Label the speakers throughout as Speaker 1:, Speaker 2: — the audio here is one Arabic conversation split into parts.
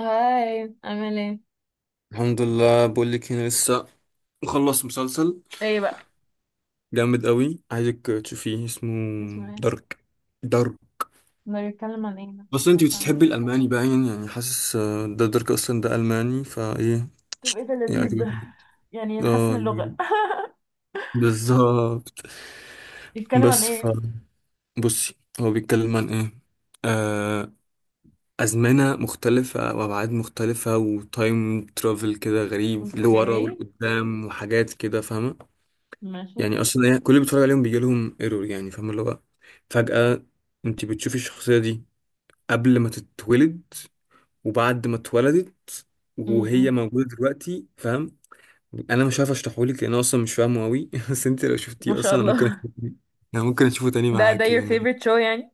Speaker 1: هاي، عامل ايه؟
Speaker 2: الحمد لله، بقول لك انا لسه مخلص مسلسل
Speaker 1: ايه بقى؟
Speaker 2: جامد قوي، عايزك تشوفيه. اسمه
Speaker 1: اسمه ايه؟
Speaker 2: دارك دارك.
Speaker 1: ده بيتكلم عن ايه ده؟
Speaker 2: بس انت
Speaker 1: عشان...
Speaker 2: بتحبي الالماني باين. يعني حاسس ده دارك اصلا، ده الماني. فايه
Speaker 1: طب ايه ده؟ لذيذ
Speaker 2: يعجبك؟
Speaker 1: ده، يعني
Speaker 2: اه
Speaker 1: نحسن اللغة.
Speaker 2: يعجبك. بالظبط.
Speaker 1: بيتكلم عن
Speaker 2: بس
Speaker 1: ايه؟
Speaker 2: بصي، هو بيتكلم عن ايه؟ آه ازمنه مختلفه وابعاد مختلفه وتايم ترافل كده غريب، لورا
Speaker 1: اوكي.
Speaker 2: ولقدام وحاجات كده فاهمه.
Speaker 1: ماشي.
Speaker 2: يعني اصلا كل اللي بيتفرج عليهم بيجي لهم ايرور، يعني فاهم اللي هو فجأة انت بتشوفي الشخصية دي قبل ما تتولد، وبعد ما اتولدت، وهي
Speaker 1: امم.
Speaker 2: موجودة دلوقتي، فاهم. انا مش عارف اشرحهولك لان أنا اصلا مش فاهمه قوي بس انت لو
Speaker 1: ما
Speaker 2: شفتيه
Speaker 1: شاء
Speaker 2: اصلا،
Speaker 1: الله.
Speaker 2: انا ممكن اشوفه تاني
Speaker 1: ده
Speaker 2: معاك
Speaker 1: your
Speaker 2: يعني.
Speaker 1: favorite show يعني.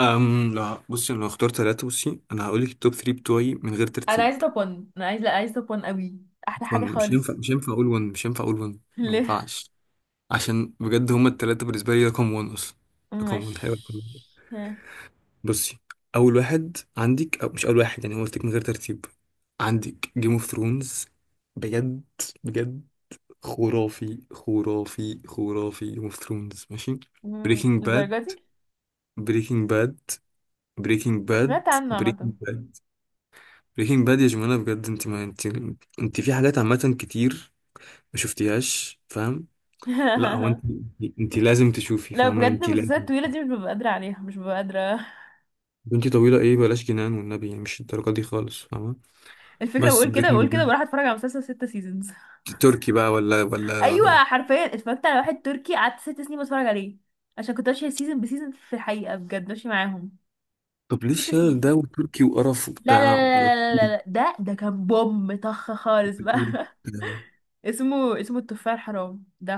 Speaker 2: لا بصي، انا لو اخترت ثلاثة، بصي انا هقول لك التوب 3 بتوعي من غير
Speaker 1: انا
Speaker 2: ترتيب.
Speaker 1: عايزة طبون، انا عايزة، لا، عايزة طبون قوي. احلى
Speaker 2: مش
Speaker 1: حاجة
Speaker 2: one مش هينفع
Speaker 1: خالص.
Speaker 2: مش هينفع اقول 1 مش هينفع اقول 1، ما
Speaker 1: ليه؟
Speaker 2: ينفعش. عشان بجد هما الثلاثة بالنسبة لي رقم 1 اصلا. رقم 1 حلو.
Speaker 1: مش...
Speaker 2: بصي، اول واحد عندك، او مش اول واحد يعني، أنا قلت لك من غير ترتيب، عندك جيم اوف ثرونز. بجد بجد خرافي. جيم اوف ثرونز ماشي.
Speaker 1: مم،
Speaker 2: بريكنج باد
Speaker 1: للدرجة دي.
Speaker 2: بريكنج باد بريكنج باد.
Speaker 1: سمعت عنه عامة.
Speaker 2: بريكنج باد. بريكنج باد يا جماعه بجد. انت ما انت انت في حاجات عامه كتير ما شفتيهاش، فاهم. لا هو انت، انت لازم تشوفي،
Speaker 1: لو
Speaker 2: فاهمه،
Speaker 1: بجد
Speaker 2: انت
Speaker 1: المسلسلات
Speaker 2: لازم.
Speaker 1: الطويلة دي، مش ببقى قادرة عليها، مش ببقى قادرة.
Speaker 2: بنتي طويله ايه؟ بلاش جنان والنبي يعني، مش الدرجه دي خالص، فاهمه.
Speaker 1: الفكرة،
Speaker 2: بس
Speaker 1: بقول كده،
Speaker 2: بريكنج
Speaker 1: بقول كده
Speaker 2: باد
Speaker 1: بروح اتفرج على مسلسل ست سيزونز.
Speaker 2: تركي بقى؟ ولا ولا
Speaker 1: ايوه، حرفيا اتفرجت على واحد تركي، قعدت 6 سنين بتفرج عليه. عشان كنت ماشية سيزون بسيزون، في الحقيقة بجد ماشية معاهم.
Speaker 2: طب ليه
Speaker 1: ست
Speaker 2: الشلل ده،
Speaker 1: سنين
Speaker 2: وتركي وقرف
Speaker 1: لا لا
Speaker 2: وبتاع؟ ولا
Speaker 1: لا لا لا لا
Speaker 2: كوري؟
Speaker 1: لا، ده كان بوم طخ خالص
Speaker 2: ولا كوري؟
Speaker 1: بقى.
Speaker 2: ده
Speaker 1: اسمه التفاح الحرام، ده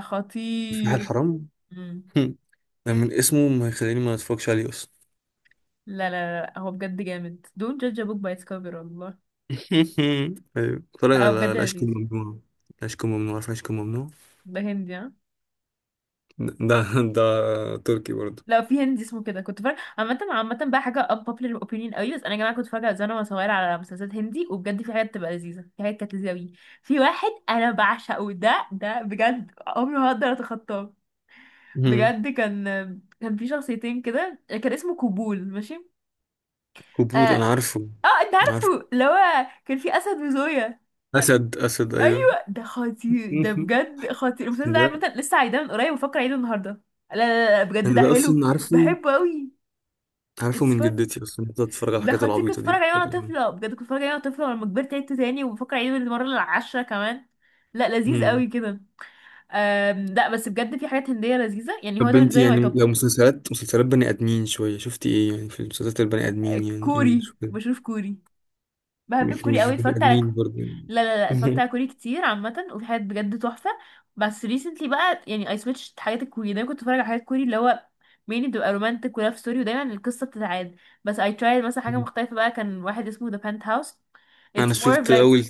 Speaker 2: الفلاح
Speaker 1: خطير.
Speaker 2: الحرام.
Speaker 1: مم.
Speaker 2: هم. ده من اسمه ما يخليني ما اتفرجش عليه اصلا.
Speaker 1: لا لا لا لا، هو بجد جامد، don't judge a book by its cover والله.
Speaker 2: ايوه، اتفرج
Speaker 1: لا، هو
Speaker 2: على
Speaker 1: بجد
Speaker 2: العشق
Speaker 1: لذيذ.
Speaker 2: الممنوع. العشق الممنوع، عارف العشق الممنوع؟
Speaker 1: ده هندي؟ ها.
Speaker 2: ده ده تركي برضه.
Speaker 1: لا، في هندي اسمه كده، كنت فاكره. عامة عامة بقى، حاجة unpopular opinion قوي، بس أنا يا جماعة كنت فاكره زمان وأنا صغيرة على مسلسلات هندي، وبجد في حاجات تبقى لذيذة، في حاجات كانت لذيذة أوي. في واحد أنا بعشقه، ده بجد عمري ما هقدر أتخطاه.
Speaker 2: هم.
Speaker 1: بجد كان في شخصيتين كده، كان اسمه كوبول، ماشي. اه،
Speaker 2: قبول انا عارفه.
Speaker 1: آه أنت
Speaker 2: عارف،
Speaker 1: عارفه، اللي هو كان في أسد وزوية.
Speaker 2: اسد ايوه.
Speaker 1: أيوه، ده خطير، ده بجد خطير المسلسل ده.
Speaker 2: ده
Speaker 1: عامة لسه عايداه من قريب، وفاكرة أعيده النهاردة. لا لا لا، بجد
Speaker 2: انا
Speaker 1: ده
Speaker 2: ده
Speaker 1: حلو.
Speaker 2: اصلا عارفه.
Speaker 1: بحبه أوي.
Speaker 2: عارفه
Speaker 1: it's
Speaker 2: من
Speaker 1: fun.
Speaker 2: جدتي اصلا، كنت اتفرج على
Speaker 1: ده
Speaker 2: الحاجات
Speaker 1: خطير، كنت
Speaker 2: العبيطه
Speaker 1: بتفرج
Speaker 2: دي.
Speaker 1: عليه وانا طفله، بجد كنت بتفرج عليه وانا طفله، ولما كبرت عدته تاني، وبفكر اعيده المره العاشره كمان. لا، لذيذ
Speaker 2: مم.
Speaker 1: قوي كده. لا بس بجد في حاجات هنديه لذيذه، يعني هو
Speaker 2: طب
Speaker 1: ده
Speaker 2: انت
Speaker 1: بالنسبه لي ماي
Speaker 2: يعني
Speaker 1: توب.
Speaker 2: لو مسلسلات بني ادمين شويه، شفتي ايه؟ يعني في مسلسلات البني ادمين يعني،
Speaker 1: كوري،
Speaker 2: انجلش وكده.
Speaker 1: بشوف كوري. بحب
Speaker 2: مش
Speaker 1: الكوري
Speaker 2: مش
Speaker 1: قوي،
Speaker 2: بني
Speaker 1: اتفرجت على...
Speaker 2: ادمين برضه يعني.
Speaker 1: لا لا لا، اتفرجت على كوري كتير عامه، وفي حاجات بجد تحفه. بس ريسنتلي بقى، يعني اي سويتش، حاجات الكوري دايما كنت بتفرج على حاجات كوري، اللي هو مين، بتبقى رومانتك ولاف ستوري، ودايما القصه بتتعاد. بس اي ترايد مثلا حاجه مختلفه بقى، كان واحد اسمه ذا بنت هاوس،
Speaker 2: انا
Speaker 1: اتس مور اوف...
Speaker 2: شفت اول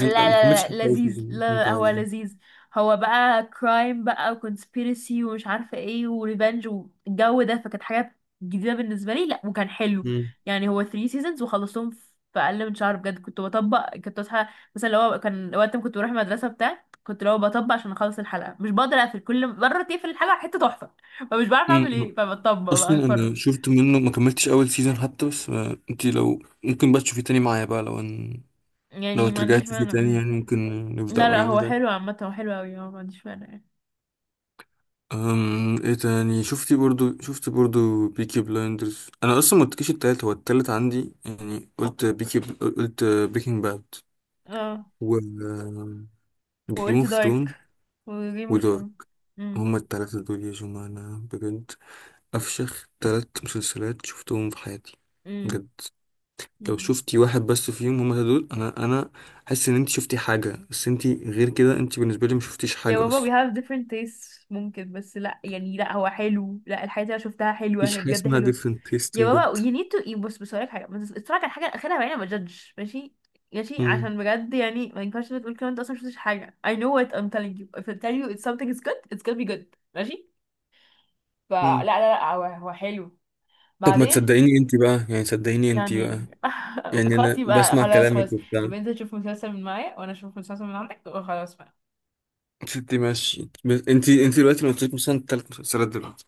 Speaker 1: لا
Speaker 2: ما كملتش
Speaker 1: لا
Speaker 2: حتى
Speaker 1: لا
Speaker 2: اول
Speaker 1: لذيذ،
Speaker 2: سيزون.
Speaker 1: لا
Speaker 2: انت
Speaker 1: لا هو
Speaker 2: عاوز يعني.
Speaker 1: لذيذ. هو بقى كرايم بقى، وكونسبيرسي، ومش عارفة ايه، وريفنج والجو ده، فكانت حاجة جديدة بالنسبة لي، لا وكان حلو.
Speaker 2: مم.
Speaker 1: يعني هو 3 سيزونز وخلصتهم في أقل من شهر. بجد كنت بطبق، كنت أصحى مثلا، لو هو كان وقت ما كنت بروح المدرسة بتاع، كنت لو بطبق عشان أخلص الحلقة، مش بقدر أقفل، كل مرة تقفل الحلقة حتة تحفة، فمش بعرف أعمل
Speaker 2: مم.
Speaker 1: ايه، فبطبق بقى
Speaker 2: اصلا
Speaker 1: أتفرج.
Speaker 2: انا شفت منه ما كملتش اول سيزون حتى. بس انت لو ممكن بقى تشوفيه تاني معايا بقى، لو ان... لو
Speaker 1: يعني ما
Speaker 2: ترجعي
Speaker 1: عنديش
Speaker 2: تشوفيه
Speaker 1: مانع.
Speaker 2: تاني يعني، ممكن
Speaker 1: لا
Speaker 2: نبدأه
Speaker 1: لا، هو
Speaker 2: يعني.
Speaker 1: حلو عامة، هو حلو أوي، هو ما عنديش مانع يعني.
Speaker 2: ايه تاني شفتي برضو؟ شفت برضو بيكي بلايندرز. انا اصلا ما قلتلكيش التالت. هو التالت عندي يعني، قلت بيكي، قلت بريكنج باد،
Speaker 1: اه.
Speaker 2: و جيم
Speaker 1: وقلت
Speaker 2: اوف ثرون
Speaker 1: دارك. وجيم اوف
Speaker 2: ودارك.
Speaker 1: ثرونز. امم.
Speaker 2: هما التلاتة دول يا جماعة، أنا بجد أفشخ تلات مسلسلات شفتهم في حياتي
Speaker 1: امم.
Speaker 2: بجد. لو
Speaker 1: امم.
Speaker 2: شفتي واحد بس فيهم، هما التلاتة دول، أنا حاسس إن أنت شفتي حاجة، بس أنت غير كده أنت بالنسبة لي مشفتيش
Speaker 1: يا
Speaker 2: حاجة
Speaker 1: بابا we
Speaker 2: أصلا.
Speaker 1: have different tastes، ممكن، بس لا يعني، لا هو حلو، لا الحاجات اللي انا شفتها حلوة،
Speaker 2: مفيش
Speaker 1: هي
Speaker 2: حاجة
Speaker 1: بجد
Speaker 2: اسمها
Speaker 1: حلوة.
Speaker 2: different taste
Speaker 1: يا
Speaker 2: بجد.
Speaker 1: بابا you need to... بص بص، هقولك حاجة، بس اتفرج على الحاجة الأخيرة بعدين ما تجدش، ماشي؟ ماشي،
Speaker 2: مم.
Speaker 1: عشان بجد يعني ما ينفعش تقول كده، انت اصلا مشفتش حاجة. I know what I'm telling you, if I tell you it's something is good, it's gonna be good. ماشي. فلا لا
Speaker 2: مم.
Speaker 1: لا، هو هو حلو.
Speaker 2: طب ما
Speaker 1: بعدين...
Speaker 2: تصدقيني انت بقى يعني، صدقيني انت بقى،
Speaker 1: يعني،
Speaker 2: يعني
Speaker 1: خلاص
Speaker 2: انا
Speaker 1: يبقى،
Speaker 2: بسمع
Speaker 1: خلاص
Speaker 2: كلامك
Speaker 1: خلاص.
Speaker 2: وبتاع.
Speaker 1: يبقى انت تشوف مسلسل من معايا، وانا اشوف مسلسل من عندك، وخلاص بقى.
Speaker 2: ستي ماشي. بس انت دلوقتي لو قلت لك مثلا ثلاث مسلسلات دلوقتي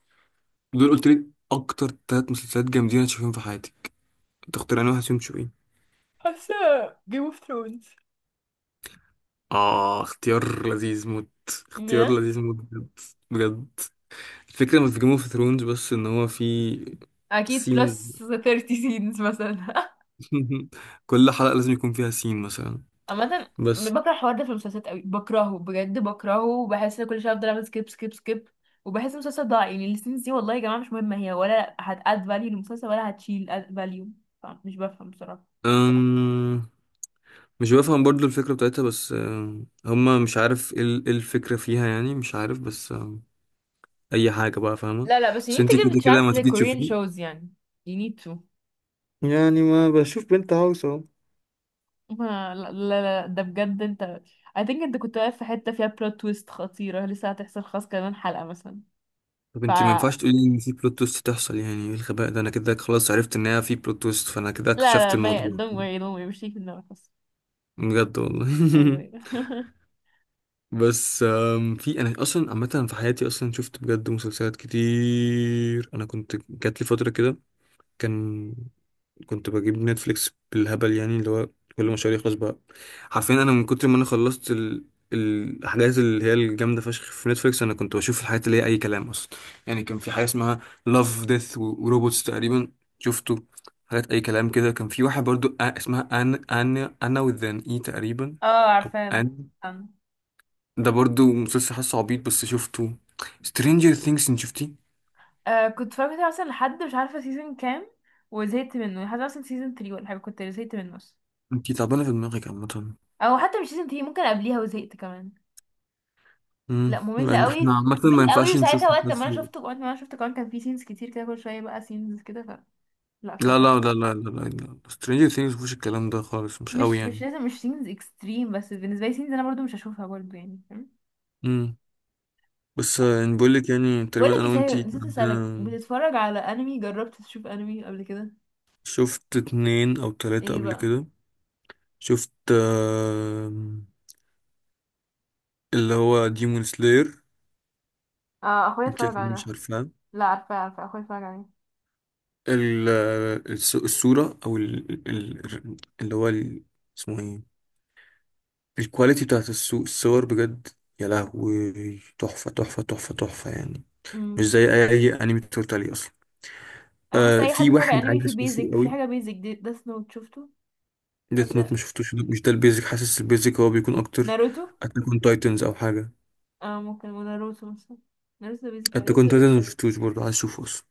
Speaker 2: دول، قلت لي اكتر ثلاث مسلسلات جامدين هتشوفيهم في حياتك، تختار انا واحد فيهم تشوفين.
Speaker 1: حاسه. جيم اوف ثرونز.
Speaker 2: اه، اختيار لذيذ موت. اختيار لذيذ موت بجد. بجد الفكره مش في جيم اوف ثرونز بس، ان هو في
Speaker 1: اكيد
Speaker 2: سينز.
Speaker 1: بلس 30 سينز مثلا.
Speaker 2: كل حلقه لازم يكون فيها سين مثلا.
Speaker 1: عامه.
Speaker 2: بس
Speaker 1: بكره الحوار ده في المسلسلات قوي، بكرهه بجد بكرهه، وبحس ان كل شويه افضل اعمل سكيب سكيب سكيب، وبحس المسلسل ضاع، يعني السينز دي والله يا جماعه مش مهمه هي، ولا هتاد فاليو للمسلسل، ولا هتشيل اد فاليو، مش بفهم بصراحه.
Speaker 2: أم... مش بفهم برضو الفكرة بتاعتها، بس هما مش عارف ايه إيه الفكرة فيها يعني، مش عارف. بس أي حاجة بقى فاهمة.
Speaker 1: لا لا، بس you
Speaker 2: بس
Speaker 1: need to
Speaker 2: انتي
Speaker 1: give
Speaker 2: كده
Speaker 1: a
Speaker 2: كده
Speaker 1: chance
Speaker 2: ما
Speaker 1: like
Speaker 2: تيجي
Speaker 1: Korean
Speaker 2: تشوفيه،
Speaker 1: shows يعني. you need to.
Speaker 2: يعني ما بشوف بنت هاوس اهو.
Speaker 1: ما لا لا لا، ده بجد انت، I think انت كنت واقف في حتة فيها بلوت تويست خطيرة، لسه هتحصل خلاص كمان حلقة مثلا.
Speaker 2: طب
Speaker 1: ف
Speaker 2: انتي ما ينفعش
Speaker 1: لا،
Speaker 2: تقولي ان في بلوت تويست تحصل، يعني ايه الغباء ده؟ انا كده خلاص عرفت ان هي في بلوت تويست، فانا كده
Speaker 1: لا
Speaker 2: اكتشفت
Speaker 1: ما ي...
Speaker 2: الموضوع.
Speaker 1: don't worry don't worry، مش هيك في دماغك خلاص.
Speaker 2: بجد والله.
Speaker 1: ايوه ايوه.
Speaker 2: بس في انا اصلا عامه في حياتي اصلا شفت بجد مسلسلات كتير. انا كنت جات لي فتره كده، كان كنت بجيب نتفليكس بالهبل، يعني اللي هو كل ما شهر يخلص بقى، حرفيا انا من كتر ما انا خلصت الاحداث اللي هي الجامده فشخ في نتفليكس، انا كنت بشوف الحاجات اللي هي اي كلام اصلا. يعني كان في حاجه اسمها لاف ديث وروبوتس تقريبا، شفته. حاجات اي كلام كده. كان في واحد برضو اسمها ان انا وذان اي تقريبا،
Speaker 1: اه
Speaker 2: او
Speaker 1: عارفاه انا.
Speaker 2: ان.
Speaker 1: أنا.
Speaker 2: ده برضو مسلسل حاسه عبيط بس شفته. سترينجر ثينجز انت شفتيه؟
Speaker 1: آه كنت فاكرة مثلا لحد مش عارفة سيزون كام، وزهقت منه لحد مثلا سيزون 3 ولا حاجة، كنت زهقت منه اصلا،
Speaker 2: انت تعبانه في دماغك عامه.
Speaker 1: او حتى مش سيزون 3، ممكن قبليها وزهقت كمان.
Speaker 2: امم،
Speaker 1: لا ممل
Speaker 2: لان احنا
Speaker 1: قوي،
Speaker 2: عامه ما
Speaker 1: ممل قوي.
Speaker 2: ينفعش
Speaker 1: وساعتها
Speaker 2: نشوف
Speaker 1: وقت ما انا
Speaker 2: مسلسل.
Speaker 1: شفته، وقت ما انا شفته كمان، كان في سينز كتير كده، كل شوية بقى سينز كده، ف لا.
Speaker 2: لا سترينجر ثينجز مفيش الكلام ده خالص، مش قوي
Speaker 1: مش
Speaker 2: يعني.
Speaker 1: لازم، مش سينز اكستريم، بس بالنسبه لي سينز انا برضو مش هشوفها برضو، يعني فاهم.
Speaker 2: امم. بس يعني بقول لك يعني
Speaker 1: بقول
Speaker 2: تقريبا
Speaker 1: لك
Speaker 2: انا
Speaker 1: ايه صحيح،
Speaker 2: وانتي
Speaker 1: نسيت اسالك،
Speaker 2: عندنا-
Speaker 1: بتتفرج على انمي؟ جربت تشوف انمي قبل كده؟
Speaker 2: شفت اتنين او تلاتة
Speaker 1: ايه
Speaker 2: قبل
Speaker 1: بقى؟
Speaker 2: كده. شفت اللي هو ديمون سلاير.
Speaker 1: اه اخويا
Speaker 2: انت
Speaker 1: اتفرج
Speaker 2: أكيد
Speaker 1: على
Speaker 2: مش
Speaker 1: ده.
Speaker 2: عارفاه.
Speaker 1: لا عارفه، عارفه اخويا اتفرج عليه.
Speaker 2: ال- الصورة او اللي هو اسمه ايه، الكواليتي بتاعت الصور بجد، يا لهوي. تحفة يعني، مش
Speaker 1: امم.
Speaker 2: زي اي انمي اتفرجت عليه اصلا.
Speaker 1: انا حاسه
Speaker 2: آه،
Speaker 1: اي حد
Speaker 2: في
Speaker 1: اتفرج على
Speaker 2: واحد
Speaker 1: انمي،
Speaker 2: عايز
Speaker 1: في
Speaker 2: اشوفه
Speaker 1: بيزك، في
Speaker 2: قوي،
Speaker 1: حاجه بيزك دي، ديث نوت شفته؟
Speaker 2: ديث نوت،
Speaker 1: حاسه.
Speaker 2: ما شفتوش. مش ده البيزك، حاسس البيزك هو بيكون اكتر
Speaker 1: ناروتو.
Speaker 2: اتاك اون تايتنز او حاجه.
Speaker 1: اه ممكن، وناروتو مثلا. ناروتو بيزك
Speaker 2: اتاك
Speaker 1: اوي.
Speaker 2: اون تايتنز ما شفتوش برضه، عايز اشوفه اصلا.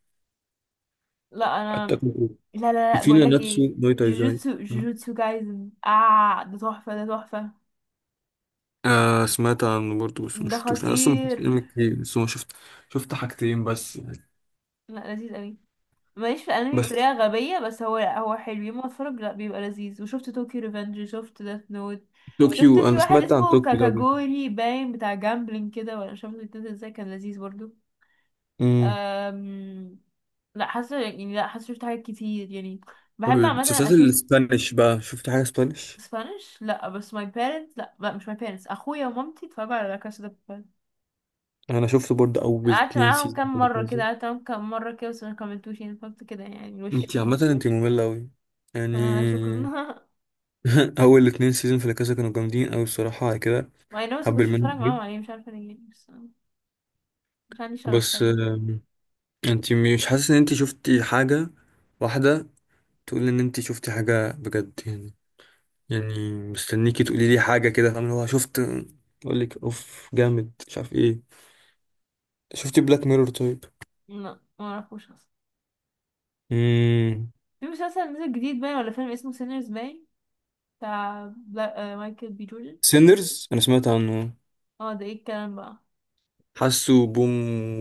Speaker 1: لا انا...
Speaker 2: اتاك اون
Speaker 1: لا لا لا،
Speaker 2: تايتنز. في
Speaker 1: بقول لك
Speaker 2: ناناتسو
Speaker 1: ايه.
Speaker 2: نو تايزاي.
Speaker 1: جوجوتسو جايزن، اه ده تحفه، ده تحفه.
Speaker 2: آه، سمعت عنه برضه بس ما
Speaker 1: ده
Speaker 2: شفتوش. انا اصلا ما
Speaker 1: خطير.
Speaker 2: شفتش انمي كتير، بس ما شفت شفت حاجتين بس.
Speaker 1: لا لذيذ قوي. ماليش في الانمي
Speaker 2: بس
Speaker 1: بطريقه غبيه، بس هو، هو حلو يوم ما اتفرج، لا بيبقى لذيذ، وشفت طوكيو ريفنج، شفت داث نوت. شفت
Speaker 2: طوكيو،
Speaker 1: في
Speaker 2: انا
Speaker 1: واحد
Speaker 2: سمعت عن
Speaker 1: اسمه
Speaker 2: طوكيو ده قبل كده.
Speaker 1: كاكاجوري باين، بتاع جامبلينج كده ولا مش عارفه بيتنزل ازاي، كان لذيذ برضو.
Speaker 2: امم.
Speaker 1: أم... لا حاسه يعني، لا حاسه شفت حاجات كتير يعني،
Speaker 2: طب
Speaker 1: بحب عامه
Speaker 2: المسلسلات
Speaker 1: اشوف.
Speaker 2: الاسبانيش بقى، شفت حاجه اسبانيش؟
Speaker 1: سبانش، لا بس ماي بيرنتس، لا، لا مش ماي بيرنتس، اخويا ومامتي اتفرجوا على لا كاسا دي بابيل.
Speaker 2: انا شفت برضه اول
Speaker 1: قعدت
Speaker 2: اتنين
Speaker 1: معاهم
Speaker 2: سيزون
Speaker 1: كام
Speaker 2: كده
Speaker 1: مره كده،
Speaker 2: كده.
Speaker 1: قعدت معاهم كام مره كده، بس ما كملتوش، يعني فهمت كده يعني الوش
Speaker 2: انت
Speaker 1: كده.
Speaker 2: عامه انت ممله قوي يعني.
Speaker 1: آه شكرا.
Speaker 2: اول اتنين سيزون في لاكاسا كانوا جامدين اوي الصراحه على كده.
Speaker 1: ما انا بس كنت
Speaker 2: هبل
Speaker 1: بتفرج
Speaker 2: منهم أوي.
Speaker 1: معاهم عليه، مش عارفه ليه بس، مش عندي شغف
Speaker 2: بس
Speaker 1: تقريبا.
Speaker 2: انت مش حاسس ان انت شفتي حاجه واحده، تقول ان انت شفتي حاجه بجد يعني؟ يعني مستنيكي تقولي لي حاجه كده، فاهم اللي هو شفت، اقول لك اوف جامد مش عارف ايه. شفتي بلاك ميرور طيب؟
Speaker 1: لا، ما اعرفوش اصلا.
Speaker 2: امم.
Speaker 1: في مسلسل نزل جديد باين، ولا فيلم اسمه سينرز باين، بتاع بلا... آه مايكل بي جوردن.
Speaker 2: سيندرز، انا سمعت عنه.
Speaker 1: اه، ده ايه الكلام بقى؟
Speaker 2: حاسه بوم،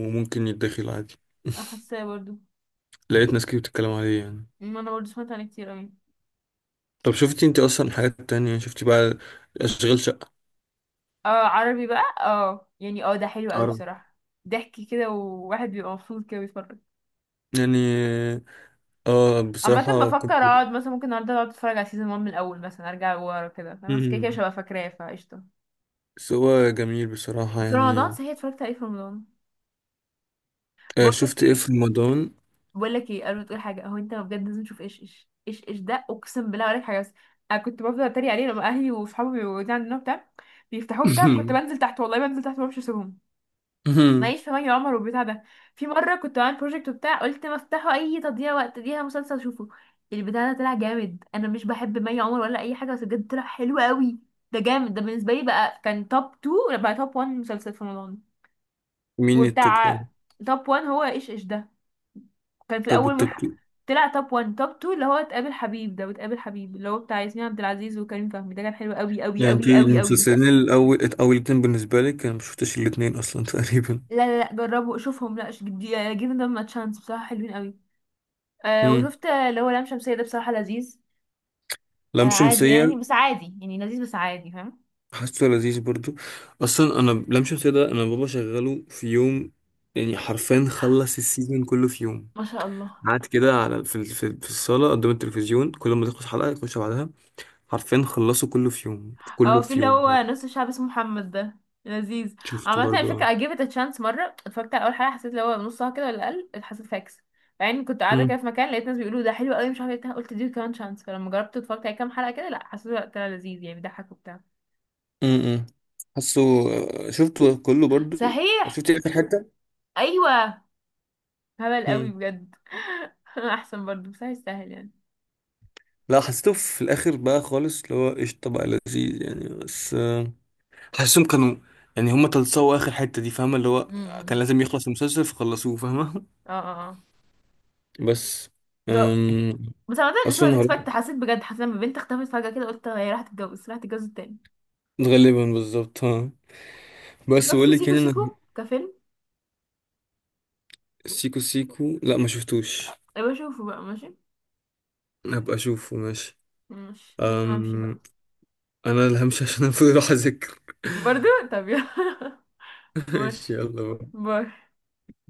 Speaker 2: وممكن يتدخل عادي.
Speaker 1: حاساه برضو.
Speaker 2: لقيت ناس كتير بتتكلم عليه يعني.
Speaker 1: ما انا برضو سمعت عنه كتير اوي.
Speaker 2: طب شفتي انت اصلا حاجات تانية، شفتي بقى اشغال شقة؟
Speaker 1: اه، عربي بقى، اه يعني، اه ده حلو قوي بصراحة. ضحك كده، وواحد بيبقى مبسوط كده بيتفرج.
Speaker 2: يعني اه
Speaker 1: عامة
Speaker 2: بصراحة
Speaker 1: بفكر
Speaker 2: كنت.
Speaker 1: اقعد مثلا، ممكن النهارده اقعد اتفرج على سيزون 1 من الاول مثلا، ارجع ورا كده، فاهمة؟ بس كده كده مش
Speaker 2: مم.
Speaker 1: هبقى فاكراه، فقشطة.
Speaker 2: بس هو جميل بصراحة
Speaker 1: في رمضان
Speaker 2: يعني.
Speaker 1: صحيح، اتفرجت عليه في رمضان.
Speaker 2: آه،
Speaker 1: بقول لك
Speaker 2: شفت ايه
Speaker 1: ايه،
Speaker 2: في رمضان؟
Speaker 1: بقول لك ايه قبل ما تقول حاجه، هو انت بجد لازم تشوف ايش ايش ايش ايش ده، اقسم بالله عليك، حاجه بس. انا كنت بفضل اتريق عليه لما اهلي وصحابي بيقعدوا عندنا بتاع، بيفتحوه بتاع، كنت بنزل تحت، والله بنزل تحت، ما بعرفش اسيبهم. ماليش في مي عمر والبتاع ده. في مره كنت بعمل بروجكت وبتاع، قلت ما افتحه، اي تضييع وقت، ليها مسلسل اشوفه. البتاع ده طلع جامد، انا مش بحب مي عمر ولا اي حاجه، بس بجد طلع حلو قوي. ده جامد، ده بالنسبه لي بقى كان توب 2 بقى، توب 1 مسلسل في رمضان.
Speaker 2: مين التوب
Speaker 1: وبتاع.
Speaker 2: وان؟
Speaker 1: توب 1 هو ايش ايش ده، كان في
Speaker 2: طب
Speaker 1: الاول من
Speaker 2: والتوب تو؟
Speaker 1: ح... طلع توب 1، توب 2، اللي هو تقابل حبيب ده، وتقابل حبيب اللي هو بتاع ياسمين عبد العزيز وكريم فهمي، ده كان حلو قوي قوي
Speaker 2: يعني انت
Speaker 1: قوي قوي قوي.
Speaker 2: المسلسلين الأول، أول اتنين بالنسبة لك، أنا مشفتش الاتنين أصلا تقريبا.
Speaker 1: لا لا لا، جربوا شوفهم، لا، جيفن ذم ا تشانس، بصراحة حلوين قوي. آه
Speaker 2: مم.
Speaker 1: وشفت اللي هو لام شمسية، ده بصراحة لذيذ.
Speaker 2: لام
Speaker 1: عادي
Speaker 2: شمسية.
Speaker 1: يعني، بس عادي يعني، لذيذ بس عادي فاهم.
Speaker 2: حاسه لذيذ برضو. أصلا أنا لام شمسية ده، أنا بابا شغله في يوم، يعني حرفيا خلص السيزون كله في يوم.
Speaker 1: ما شاء الله.
Speaker 2: قعد كده على في الصالة قدام التلفزيون، كل ما تخلص حلقة يخش بعدها. عارفين خلصوا كله في يوم، كله
Speaker 1: اه في
Speaker 2: في
Speaker 1: اللي
Speaker 2: يوم.
Speaker 1: هو نص الشعب اسمه محمد ده، لذيذ.
Speaker 2: شفته
Speaker 1: عامة على
Speaker 2: برضو اه.
Speaker 1: فكرة I gave it a chance مرة، اتفرجت على أول حلقة، حسيت اللي هو نصها كده ولا أقل، حسيت فاكس يعني، كنت قاعدة كده
Speaker 2: مم.
Speaker 1: في مكان، لقيت ناس بيقولوا ده حلو قوي، مش عارفة ايه، قلت دي كمان شانس، فلما جربت اتفرجت على كام حلقة كده، لا حسيت وقتها لذيذ، يعني بيضحك وبتاع.
Speaker 2: امم. حاسه. آه، شفته كله برضو.
Speaker 1: صحيح.
Speaker 2: شفت اخر حته.
Speaker 1: أيوة. هبل قوي
Speaker 2: امم.
Speaker 1: بجد. أحسن برضه، بس هيستاهل يعني.
Speaker 2: لا حسيته في الاخر بقى خالص، اللي هو قشطه بقى لذيذ يعني. بس حاسسهم كانوا يعني هما تلصقوا اخر حتة دي، فاهمة، اللي هو كان
Speaker 1: امم.
Speaker 2: لازم يخلص المسلسل فخلصوه، فاهمة.
Speaker 1: اه اه اه.
Speaker 2: بس
Speaker 1: ده،
Speaker 2: أم...
Speaker 1: بس عامة it
Speaker 2: اصلا
Speaker 1: was
Speaker 2: هروح
Speaker 1: expected، حسيت بجد، حسيت لما بنت اختفت فجأة كده، قلت هي راحت تتجوز، راحت تتجوز التاني.
Speaker 2: غالبا بالظبط ها. بس
Speaker 1: شفت
Speaker 2: بقول لك
Speaker 1: سيكو
Speaker 2: يعني
Speaker 1: سيكو
Speaker 2: انا.
Speaker 1: كفيلم؟
Speaker 2: سيكو سيكو لا ما شفتوش.
Speaker 1: أبقى أشوفه بقى، ماشي.
Speaker 2: هبقى اشوفه ماشي.
Speaker 1: ماشي، لازم أمشي بقى.
Speaker 2: أم... انا اللي همشي عشان افضل اروح اذاكر.
Speaker 1: برضو. طب يلا.
Speaker 2: ماشي
Speaker 1: ماشي.
Speaker 2: يلا بقى.
Speaker 1: باي.